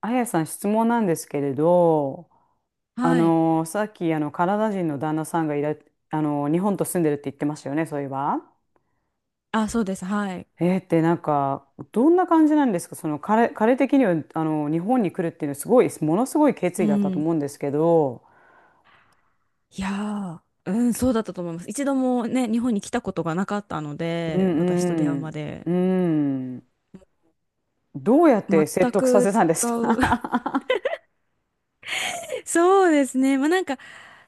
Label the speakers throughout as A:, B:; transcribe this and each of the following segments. A: あやさん、質問なんですけれど、あ
B: はい。
A: のさっきあのカナダ人の旦那さんがいら、あの日本と住んでるって言ってましたよね、そういえば。
B: あ、そうです。はい。
A: えーってなんかどんな感じなんですか、その彼的にはあの日本に来るっていうのはすごいものすごい決
B: う
A: 意だったと
B: ん。
A: 思うんですけど、
B: いやそうだったと思います。一度もね、日本に来たことがなかったの
A: う
B: で、私と出会う
A: ん
B: まで。
A: うんうん、どうやって説
B: 全
A: 得させ
B: く
A: たんで
B: 違
A: す
B: う。
A: か。
B: そうですね。まあなんか、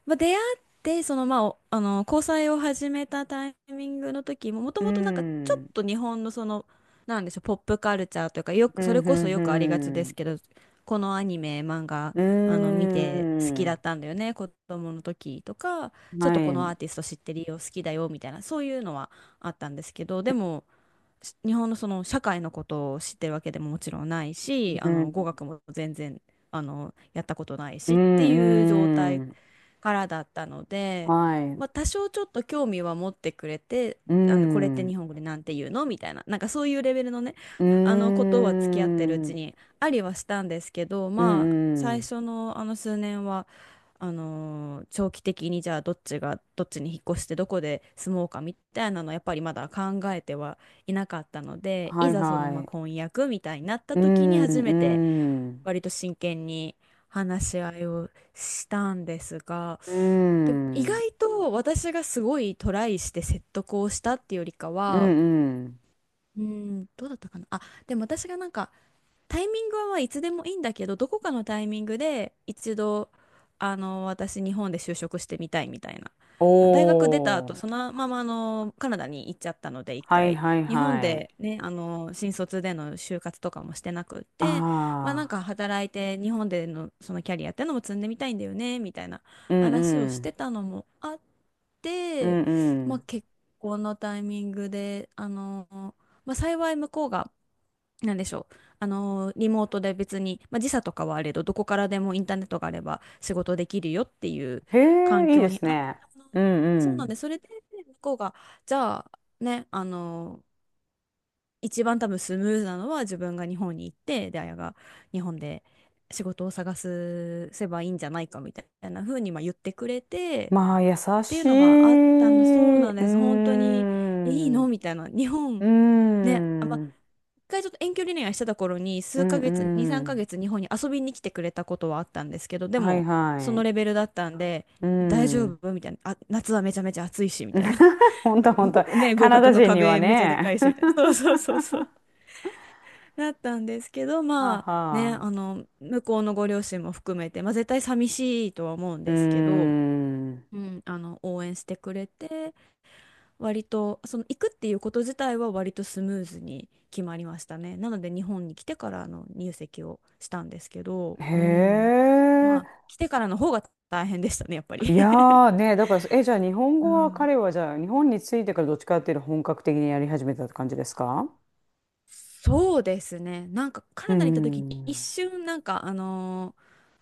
B: まあ、出会って、その、まあ、おあの、交際を始めたタイミングの時も、も と
A: う
B: もとなんかちょ
A: ん、
B: っと日本のその、なんでしょう、ポップカルチャーというか、よ
A: う
B: く、それ
A: ん、
B: こそよくありがち
A: う
B: です
A: ん、
B: けど、このアニメ、漫画、
A: う
B: あの、見て好き
A: ん、う
B: だっ
A: ん、
B: たんだよね、子供の時とか、ちょっ
A: は
B: とこ
A: い、う
B: のアー
A: ん、
B: ティスト知ってるよ、好きだよ、みたいな、そういうのはあったんですけど、でも、日本のその社会のことを知ってるわけでももちろんないし、あの、語学も全然、あの、やったことない
A: う
B: しっていう状
A: ん、
B: 態
A: うん。
B: からだったので、
A: はい。う
B: まあ、多少ちょっと興味は持ってくれて、あのこれって
A: ん。う
B: 日本語でなんて言うのみたいな、なんかそういうレベルのね、
A: ー
B: あのことは付き合ってるうち
A: ん。
B: にありはしたんですけど、
A: う
B: まあ
A: んう
B: 最
A: ん。
B: 初のあの数年は、長期的にじゃあどっちがどっちに引っ越してどこで住もうかみたいなのはやっぱりまだ考えてはいなかったので、
A: は
B: い
A: い
B: ざその
A: は
B: まあ
A: い。
B: 婚約みたいになった
A: う
B: 時に
A: ん。
B: 初めて
A: うん。
B: 割と真剣に話し合いをしたんですが、
A: う
B: でも意
A: ん。
B: 外と私がすごいトライして説得をしたっていうよりか
A: う
B: は、
A: んうん。
B: うん、どうだったかな。あ、でも私がなんかタイミングはまあいつでもいいんだけど、どこかのタイミングで一度、あの、私日本で就職してみたいみたいな。
A: お
B: 大学出た後、
A: お、
B: そのままあの、カナダに行っちゃったので、一
A: はい
B: 回。
A: はい
B: 日本
A: はい。
B: でね、あの、新卒での就活とかもしてなくっ
A: あ
B: て、まあなん
A: あ。
B: か働いて日本でのそのキャリアってのも積んでみたいんだよね、みたいな
A: うん
B: 話を
A: う
B: して
A: ん。
B: たのもあっ
A: う
B: て、
A: んう
B: まあ
A: ん。
B: 結婚のタイミングで、あの、まあ幸い向こうが、なんでしょう。リモートで別に、まあ、時差とかはあれど、どこからでもインターネットがあれば仕事できるよっていう
A: へ
B: 環
A: え、いいで
B: 境に、
A: すね。うん
B: そ
A: う
B: うなんで、
A: ん。
B: それで、向こうが、じゃあ、ね、一番多分スムーズなのは自分が日本に行って、で、あやが日本で仕事を探すせばいいんじゃないかみたいな風にまあ言ってくれて、
A: まあ、優
B: ってい
A: し
B: うのがあったんで、そう
A: い。
B: な
A: う
B: ん
A: ー
B: です。本当に、えいい
A: ん。
B: の
A: う
B: みたいな。日本、
A: ー
B: ね、あ、まあ
A: ん。
B: 回ちょっと遠距離恋愛してた頃に
A: う
B: 数
A: ん
B: ヶ月、2、
A: う
B: 3
A: ん。
B: ヶ月日本に遊びに来てくれたことはあったんですけど、で
A: はい
B: もそ
A: は
B: の
A: い。
B: レベルだったんで、
A: う
B: 大丈
A: ん。
B: 夫みたいな。あ、夏はめちゃめちゃ暑いし、みたいな。
A: 本当、本 当。
B: ごね、
A: カ
B: 合
A: ナ
B: 格
A: ダ
B: の
A: 人には
B: 壁めちゃでか
A: ね。
B: いし、みたいな。そうそうそう そう。だったんですけど、
A: はあ
B: まあね、
A: は
B: あ
A: あ。
B: の、向こうのご両親も含めて、まあ絶対寂しいとは思うん
A: うー
B: ですけど、
A: ん。
B: うん、あの、応援してくれて、割と、その行くっていうこと自体は割とスムーズに決まりましたね。なので日本に来てからの入籍をしたんですけど、う
A: へ
B: ん。まあ、
A: え。
B: 来てからの方が大変でしたね、やっぱり。
A: いや ーね、だから、え、じゃあ日本語は彼はじゃあ日本に着いてからどっちかっていうと本格的にやり始めたって感じですか？
B: そうですね。なんかカ
A: うー
B: ナダに行った時に一
A: ん。
B: 瞬なんかあの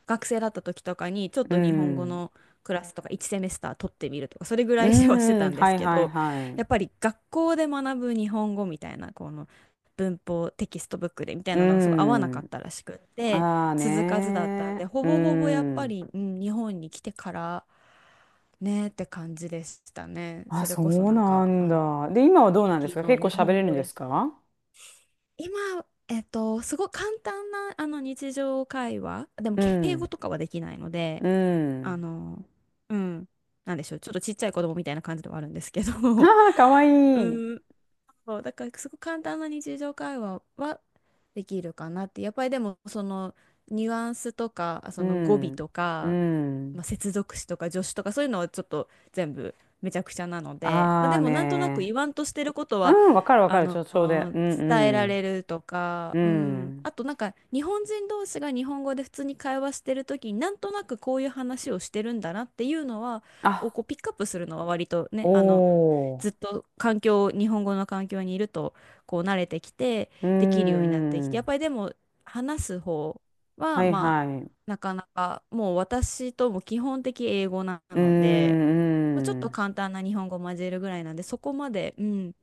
B: 学生だった時とかにちょっ
A: う
B: と日本語
A: ん。
B: のクラスとか1セメスター取ってみるとかそれぐら
A: う
B: いはしてた
A: ん。
B: んで
A: は
B: す
A: い
B: け
A: はい
B: ど、
A: は
B: やっぱ
A: い。
B: り学校で学ぶ日本語みたいなこの文法テキストブックでみたい
A: う
B: なのがすごい合わなかっ
A: ん。
B: たらしくって、
A: ああ
B: 続かずだったん
A: ね
B: で、ほ
A: ー。う
B: ぼほぼやっぱ
A: ん。
B: り、うん、日本に来てからねって感じでしたね。
A: あ、
B: それ
A: そ
B: こそ
A: う
B: なん
A: な
B: か
A: ん
B: あの
A: だ。で、今は
B: 地
A: どうなんです
B: 域
A: か？結
B: の
A: 構
B: 日
A: 喋
B: 本
A: れる
B: 語
A: ん
B: レ
A: で
B: ッ
A: す
B: スン
A: か？
B: 今、えっと、すごい簡単なあの日常会話でも
A: う
B: 敬語
A: ん。
B: とかはできないので、
A: う
B: あ
A: ん。
B: の、うん、なんでしょう、ちょっとちっちゃい子供みたいな感じではあるんですけ
A: あ
B: ど、
A: あ、かわい い。
B: うん、そう、だからすごく簡単な日常会話はできるかなって。やっぱりでもそのニュアンスとか、そ
A: う
B: の語尾
A: ん。
B: と
A: う
B: か、まあ、
A: ん。
B: 接続詞とか助詞とかそういうのはちょっと全部めちゃくちゃなので、まあ、
A: あ
B: で
A: あ
B: もなんとなく
A: ね。
B: 言わんとしてること
A: う
B: は
A: ん、わかるわ
B: あ
A: かる。ち
B: の
A: ょ、ちょうで。うん
B: 伝えら
A: うん。
B: れるとか、
A: う
B: うん、
A: ん。
B: あとなんか日本人同士が日本語で普通に会話してる時になんとなくこういう話をしてるんだなっていうのはを
A: あ、
B: こうピックアップするのは割とね、あの
A: おー。
B: ずっと環境、日本語の環境にいるとこう慣れてきて
A: う
B: できるようになってきて、やっ
A: ん。
B: ぱりでも話す方は
A: はい
B: まあ
A: はい。
B: なかなかもう私とも基本的英語な
A: う
B: ので、
A: んう
B: まあ、ちょっと
A: ん。
B: 簡単な日本語混ぜるぐらいなんでそこまで、うん、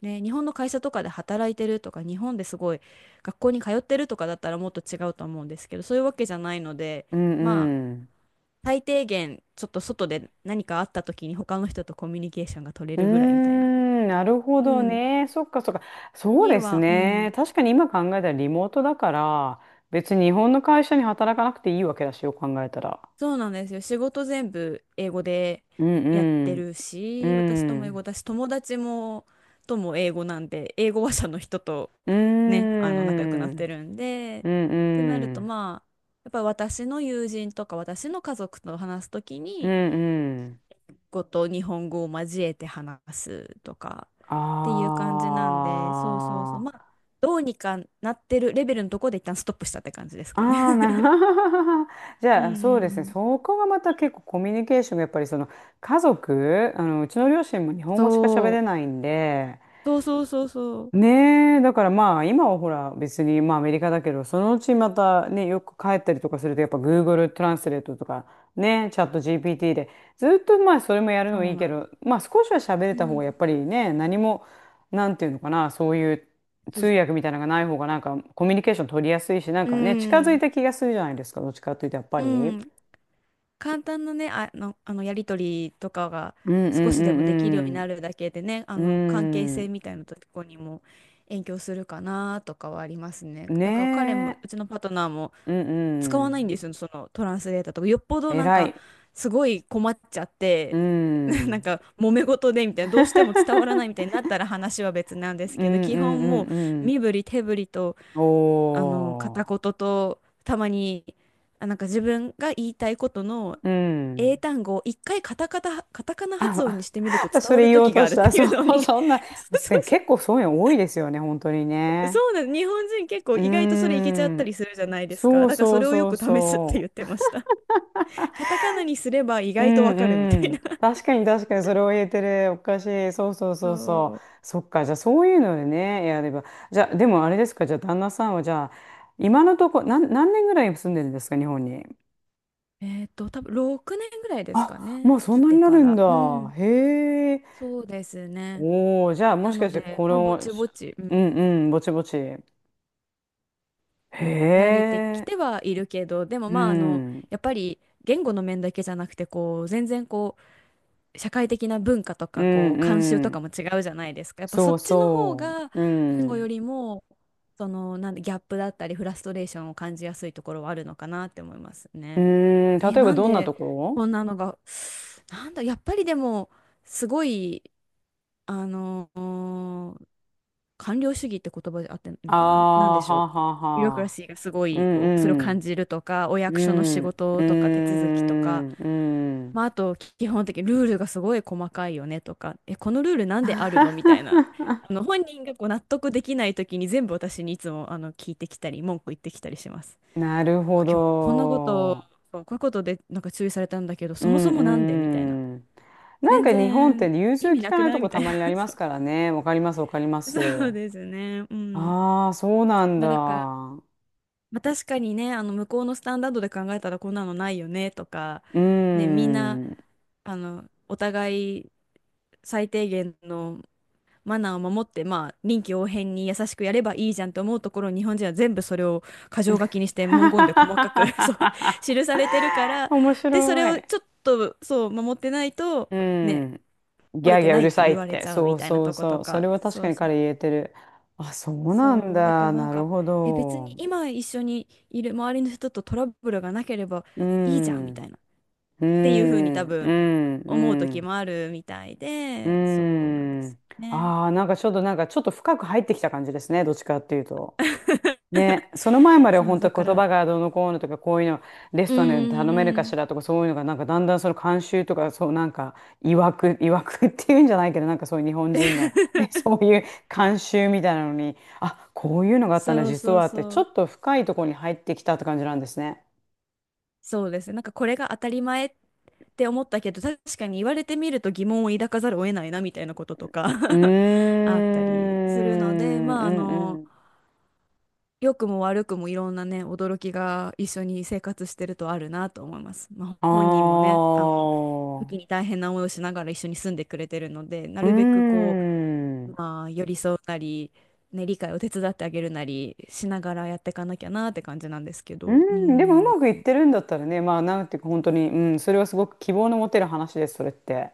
B: ね、日本の会社とかで働いてるとか日本ですごい学校に通ってるとかだったらもっと違うと思うんですけど、そういうわけじゃないので、
A: う
B: まあ
A: んうん。
B: 最低限ちょっと外で何かあった時に他の人とコミュニケーションが取れ
A: うー
B: るぐらいみたいな、
A: ん、なるほ
B: う
A: ど
B: ん。
A: ね。そっかそっか。そう
B: に
A: です
B: は、う
A: ね。
B: ん。
A: 確かに今考えたらリモートだから、別に日本の会社に働かなくていいわけだし、よく考えたら。
B: そうなんですよ。仕事全部英語で
A: う
B: やって
A: ん
B: る
A: うん。う
B: し、私とも英語
A: ん。
B: だし、友達も、とも英語なんで、英語話者の人と
A: うー
B: ね、あの、仲良くなって
A: ん。
B: るんで、
A: うん
B: ってなる
A: う
B: と、
A: ん。
B: まあ、やっぱり私の友人とか私の家族と話すとき
A: うん
B: に、
A: うん。
B: 語と日本語を交えて話すとかっていう感じなんで、そうそうそう、
A: あ
B: まあ、どうにかなってるレベルのところで一旦ストップしたって感じです
A: あ。
B: かね。
A: ああ、なるほど。じ
B: うん
A: ゃ
B: う
A: あ、そう
B: ん
A: ですね。
B: うん、
A: そこがまた結構コミュニケーションがやっぱりその家族、あの、うちの両親も日本語しか喋れ
B: そう。
A: ないんで、
B: そうそうそうそう。
A: ねえ、だからまあ今はほら別にまあアメリカだけど、そのうちまたね、よく帰ったりとかするとやっぱ Google トランスレートとかね、チャット GPT でずっとまあそれもやる
B: そ
A: のい
B: う
A: いけ
B: なんで
A: ど、
B: す。
A: まあ少しは喋れ
B: う
A: た方がやっ
B: ん。
A: ぱりね、何も、なんていうのかな、そういう
B: そ
A: 通
B: う、
A: 訳みたいなのがない方がなんかコミュニケーション取りやすいし、なん
B: う
A: かね、近づい
B: ん。
A: た気がするじゃないですか、どっちかというとやっぱ
B: う
A: り。
B: ん。簡単なね、あのやりとりとかが
A: うんう
B: 少しでもできるように
A: ん
B: なるだけでね、あ
A: う
B: の関係
A: んう
B: 性
A: ん。
B: みたいなとこにも影響するかなとかはありますね。
A: うん。
B: だから彼も、
A: ね
B: う
A: え。
B: ちのパートナーも
A: うん
B: 使
A: う
B: わないんで
A: ん。
B: すよ、そのトランスレーターとか。よっぽど
A: 偉
B: なんか、
A: い。
B: すごい困っちゃっ
A: う
B: て、なん
A: ん。
B: か、揉め事でみたいな、どうしても伝わらないみたいにな ったら話は別なんで
A: う
B: すけど、
A: んうん
B: 基
A: う
B: 本もう、
A: んうん。
B: 身振り手振りと、
A: お
B: あの、片言と、たまに、あ、なんか自分が言いたいことの
A: ー。う
B: 英
A: ん。
B: 単語を一回カタカナ発音に
A: あ、
B: してみると
A: あ
B: 伝
A: そ
B: わ
A: れ
B: る
A: 言おう
B: 時が
A: と
B: あ
A: し
B: るっ
A: た。
B: て
A: そ
B: いうの
A: う、
B: に。
A: そんな。
B: そう
A: で
B: そ
A: も
B: うそ
A: 結構そういうの多いですよね、本当に
B: そ
A: ね。
B: うなんです。日本人結構
A: う
B: 意外と
A: ー
B: それいけちゃった
A: ん。
B: りするじゃないです
A: そ
B: か。
A: う
B: だから
A: そ
B: そ
A: う
B: れをよ
A: そう
B: く試すって言っ
A: そう。
B: てました。カタカナにすれば意
A: う
B: 外とわかるみた
A: ん
B: い
A: うん。
B: な。
A: 確かに確かに、それを言えてる。おかしい。そうそうそうそう。
B: そ
A: そっか。じゃあそういうのでね、やれば。じゃあ、でもあれですか。じゃあ旦那さんはじゃあ、今のとこ、何年ぐらい住んでるんですか、日本に。
B: う。えっと、多分6年ぐらいですか
A: あ、も
B: ね。
A: うそん
B: 来
A: なに
B: て
A: な
B: か
A: るん
B: ら。
A: だ。
B: うん。
A: へえ。
B: そうですね。
A: おお、じゃあも
B: な
A: し
B: の
A: かして
B: で、
A: こ
B: まあ、ぼ
A: の、
B: ち
A: し、
B: ぼち、うん、
A: うんうん、ぼちぼち。へ
B: 慣れてき
A: え。
B: てはいるけど、でも
A: う
B: まあ、あの、
A: ん。
B: やっぱり言語の面だけじゃなくて、こう、全然社会的な文化と
A: う
B: かこ
A: ん
B: う慣習
A: う
B: とか
A: ん。
B: も違うじゃないですか。やっぱそ
A: そ
B: っ
A: う
B: ちの方
A: そ
B: が
A: う。う
B: 言語
A: ん。
B: よ
A: う
B: りもそのなんでギャップだったりフラストレーションを感じやすいところはあるのかなって思います
A: ー
B: ね。
A: ん、例えば
B: なん
A: どんな
B: で
A: ところ？
B: こんなのが、なんだ、やっぱりでもすごい、あの官僚主義って言葉で合ってんのかな、なん
A: あ
B: で
A: あー、
B: しょ
A: は
B: う。
A: あは
B: ビュロク
A: あ
B: ラ
A: はあ。
B: シーがすご
A: う
B: いおそれを
A: ん
B: 感じるとかお
A: うん。
B: 役
A: う
B: 所の仕
A: ん。う
B: 事とか手
A: ー
B: 続きとか、
A: ん。うん。
B: まあ、あと基本的にルールがすごい細かいよねとか、このルールなんであるのみたい な、本人がこう納得できない時に全部私にいつも聞いてきたり、文句言ってきたりします。
A: なる
B: こ
A: ほ
B: 今日こんなこと、
A: ど。
B: そうこういうことでなんか注意されたんだけど、
A: う
B: そも
A: ん
B: そもなんで
A: う
B: みたいな。
A: んうん。なん
B: 全
A: か日本って
B: 然
A: 融
B: 意
A: 通
B: 味
A: き
B: な
A: か
B: く
A: ない
B: な
A: と
B: い
A: こ
B: みた
A: た
B: いな。
A: まにありま すからね。わかります、わかりま
B: そうそ
A: す。
B: うですね。うん。
A: ああ、そうなん
B: ま
A: だ。
B: あだから、
A: う
B: まあ、確かにね、向こうのスタンダードで考えたらこんなのないよねとか、
A: ー
B: ね、みんな、
A: ん。
B: お互い最低限のマナーを守って、まあ、臨機応変に優しくやればいいじゃんと思うところ、日本人は全部それを箇条書きにして文言で細かく そう 記されてるから、
A: 面白
B: で、それを
A: い。
B: ちょっとそう守ってないと、
A: う
B: ね、
A: ん。ギ
B: 折れ
A: ャー
B: て
A: ギャー
B: な
A: う
B: い
A: る
B: って
A: さい
B: 言
A: っ
B: われ
A: て。
B: ちゃう
A: そ
B: み
A: う
B: たいな
A: そう
B: とこ
A: そ
B: と
A: う。そ
B: か、
A: れは確か
B: そう
A: に
B: そ
A: 彼
B: う、
A: 言えてる。あ、そうなん
B: そう、だか
A: だ。
B: らなん
A: なる
B: か、
A: ほ
B: 別に
A: ど。
B: 今一緒にいる周りの人とトラブルがなければ
A: う
B: いいじゃんみた
A: ん。
B: いな、っ
A: う
B: ていうふうに多
A: ん。う
B: 分
A: ん。う
B: 思う時
A: ん。
B: もあるみたい
A: うー
B: で、そうなんです
A: ん。
B: よね。
A: ああ、なんかちょっと、なんかちょっと深く入ってきた感じですね。どっちかっていうと。ね、その前までは
B: そう、
A: 本
B: だ
A: 当
B: か
A: 言
B: ら、う
A: 葉がどうのこうのとか、こういうの、レ
B: ー
A: ストランで頼めるか
B: ん。
A: しらとか、そういうのが、なんかだんだんその慣習とか、そうなんか、いわく、いわくっていうんじゃないけど、なんかそういう日本人の、ね、そう いう慣習みたいなのに、あ、こういうのがあったんだ、
B: そう
A: 実
B: そう
A: はって、
B: そ
A: ちょ
B: う。
A: っと深いところに入ってきたって感じなんですね。
B: そうですね。なんかこれが当たり前って思ったけど、確かに言われてみると疑問を抱かざるを得ないなみたいなこととか
A: うー ん、
B: あったりす
A: う
B: るので、まあ
A: ん
B: 良くも悪くもいろんなね、驚きが一緒に生活してるとあるなと思います。まあ、
A: うん。
B: 本人も
A: あ
B: ね、時に
A: あ。
B: 大変な思いをしながら一緒に住んでくれてるので、な
A: うー
B: るべくこ
A: ん。
B: う、
A: う
B: まあ、寄り添うなり、ね、理解を手伝ってあげるなりしながらやっていかなきゃなって感じなんですけ
A: ー
B: ど、う
A: ん。でもう
B: ん。
A: まくいってるんだったらね、まあなんていうか本当に、うん、それはすごく希望の持てる話です、それって。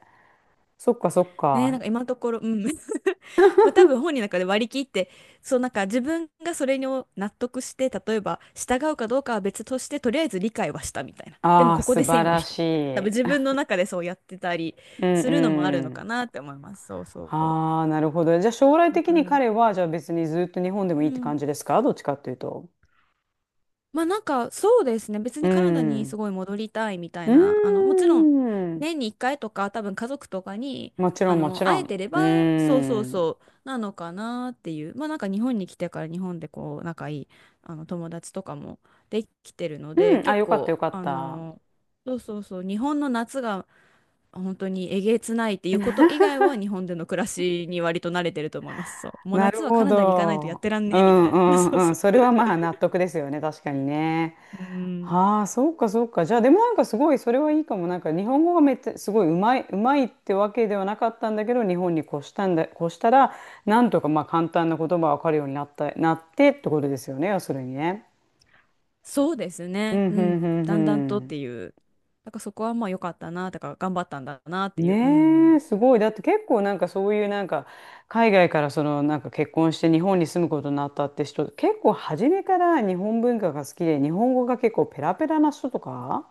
A: そっかそっ
B: ねえ、なん
A: か。
B: か今のところ、うん。まあ多分本人の中で割り切って、そうなんか自分がそれに納得して、例えば従うかどうかは別として、とりあえず理解はしたみたいな。でも
A: ああ、
B: ここ
A: 素
B: で
A: 晴
B: 線を
A: ら
B: 引くみ
A: し
B: たいな。多分
A: い。
B: 自分 の中でそうやってたり
A: うん
B: するのもあるの
A: う
B: か
A: ん。
B: なって思います。そうそう。
A: ああ、なるほど。じゃあ将来
B: だ
A: 的
B: か
A: に
B: ら、
A: 彼は、じゃあ別にずっと日本でも
B: う
A: いいって
B: ん。
A: 感じですか、どっちかっていうと？
B: まあなんかそうですね。別
A: う
B: にカナダにす
A: ん。
B: ごい戻りたいみたい
A: うー
B: な、もちろん
A: ん。
B: 年に1回とか多分家族とかに、
A: もちろんもちろ
B: 会
A: ん。
B: えてれ
A: う
B: ば、そうそ
A: ー
B: う
A: ん。
B: そう、なのかなっていう。まあなんか日本に来てから日本でこう仲いい、友達とかもできてるの
A: う
B: で、
A: ん。あ、
B: 結
A: よかった
B: 構、
A: よかった。
B: そうそうそう、日本の夏が本当にえげつないっていうこと以外は日本での暮らしに割と慣れてると思います。そう。もう
A: なる
B: 夏はカ
A: ほ
B: ナダに行かないとやっ
A: ど。
B: てらん
A: う
B: ねえみた
A: んう
B: いな。
A: ん
B: そう
A: うん。
B: そう。
A: それはまあ納得ですよね。確かにね。
B: うん
A: はあ、そうかそうか。じゃあでもなんかすごいそれはいいかも。なんか日本語がめっちゃすごいうまいってわけではなかったんだけど、日本に越したんだ、越したら、なんとかまあ簡単な言葉わかるようになった、なってってことですよね。要するにね。
B: そうです
A: う
B: ね。
A: んう
B: う
A: んう
B: ん。
A: ん
B: だんだんとっ
A: う
B: て
A: ん。
B: いう。だからそこはまあ良かったな、だから頑張ったんだなっていう。う
A: ねえ、
B: ん。
A: すごい。だって結構なんかそういうなんか海外からそのなんか結婚して日本に住むことになったって人、結構初めから日本文化が好きで日本語が結構ペラペラな人とか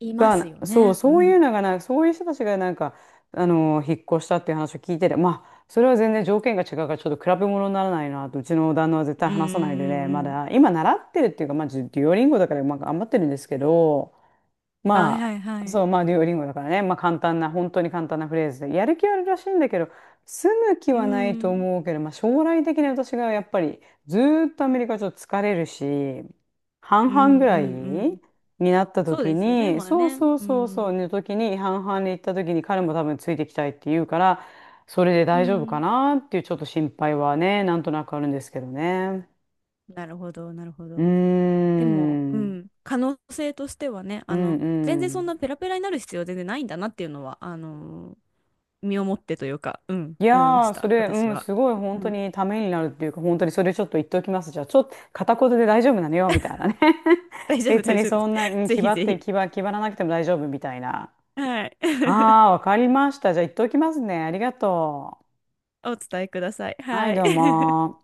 B: います
A: が、
B: よ
A: そう、
B: ね。う
A: そういう
B: ん。
A: のがなんかそういう人たちがなんかあの引っ越したっていう話を聞いてて、まあそれは全然条件が違うからちょっと比べ物にならないなと、うちの旦那は絶対
B: うんう
A: 話さないで
B: ん
A: ね、ま
B: うん。
A: だ今習ってるっていうか、まあデュオリンゴだからまあ頑張ってるんですけど、
B: はい
A: ま
B: はいは
A: あ、
B: い。
A: そう、まあ、デュオリンゴだからね。まあ、簡単な、本当に簡単なフレーズで。やる気はあるらしいんだけど、住む気
B: う
A: はないと
B: ん。
A: 思うけど、まあ、将来的に私がやっぱり、ずーっとアメリカちょっと疲れるし、半
B: うん
A: 々ぐ
B: う
A: らい
B: んう
A: に
B: ん。
A: なった
B: そう
A: 時
B: ですよね。
A: に、
B: まあ
A: そう
B: ね。
A: そう
B: う
A: そうそ
B: ん。
A: う、の時に、半々に行った時に、彼も多分ついてきたいって言うから、それで
B: う
A: 大丈夫か
B: ん。
A: なっていうちょっと心配はね、なんとなくあるんですけどね。
B: なるほど、なるほ
A: うーん、
B: ど。でも、う
A: うん
B: ん。可能性としてはね、
A: う
B: 全然そん
A: ん。
B: なペラペラになる必要は全然ないんだなっていうのは、身をもってというか、うん、
A: い
B: 思いま
A: や
B: し
A: ー、そ
B: た、
A: れ、
B: 私
A: うん、
B: は。
A: すごい本
B: う
A: 当
B: ん
A: にためになるっていうか、本当にそれちょっと言っておきます。じゃあ、ちょっと片言で大丈夫なのよ、みたいなね。
B: 大丈夫、
A: 別
B: 大
A: に
B: 丈夫。
A: そんな、う ん、
B: ぜ
A: 気
B: ひ
A: 張っ
B: ぜ
A: て、
B: ひ。
A: 気張、気張らなくても大丈夫みたいな。
B: はい。
A: あ あ、わかりました。じゃあ、言っておきますね。ありがと
B: お伝えください。
A: う。はい、
B: はい。
A: どうも。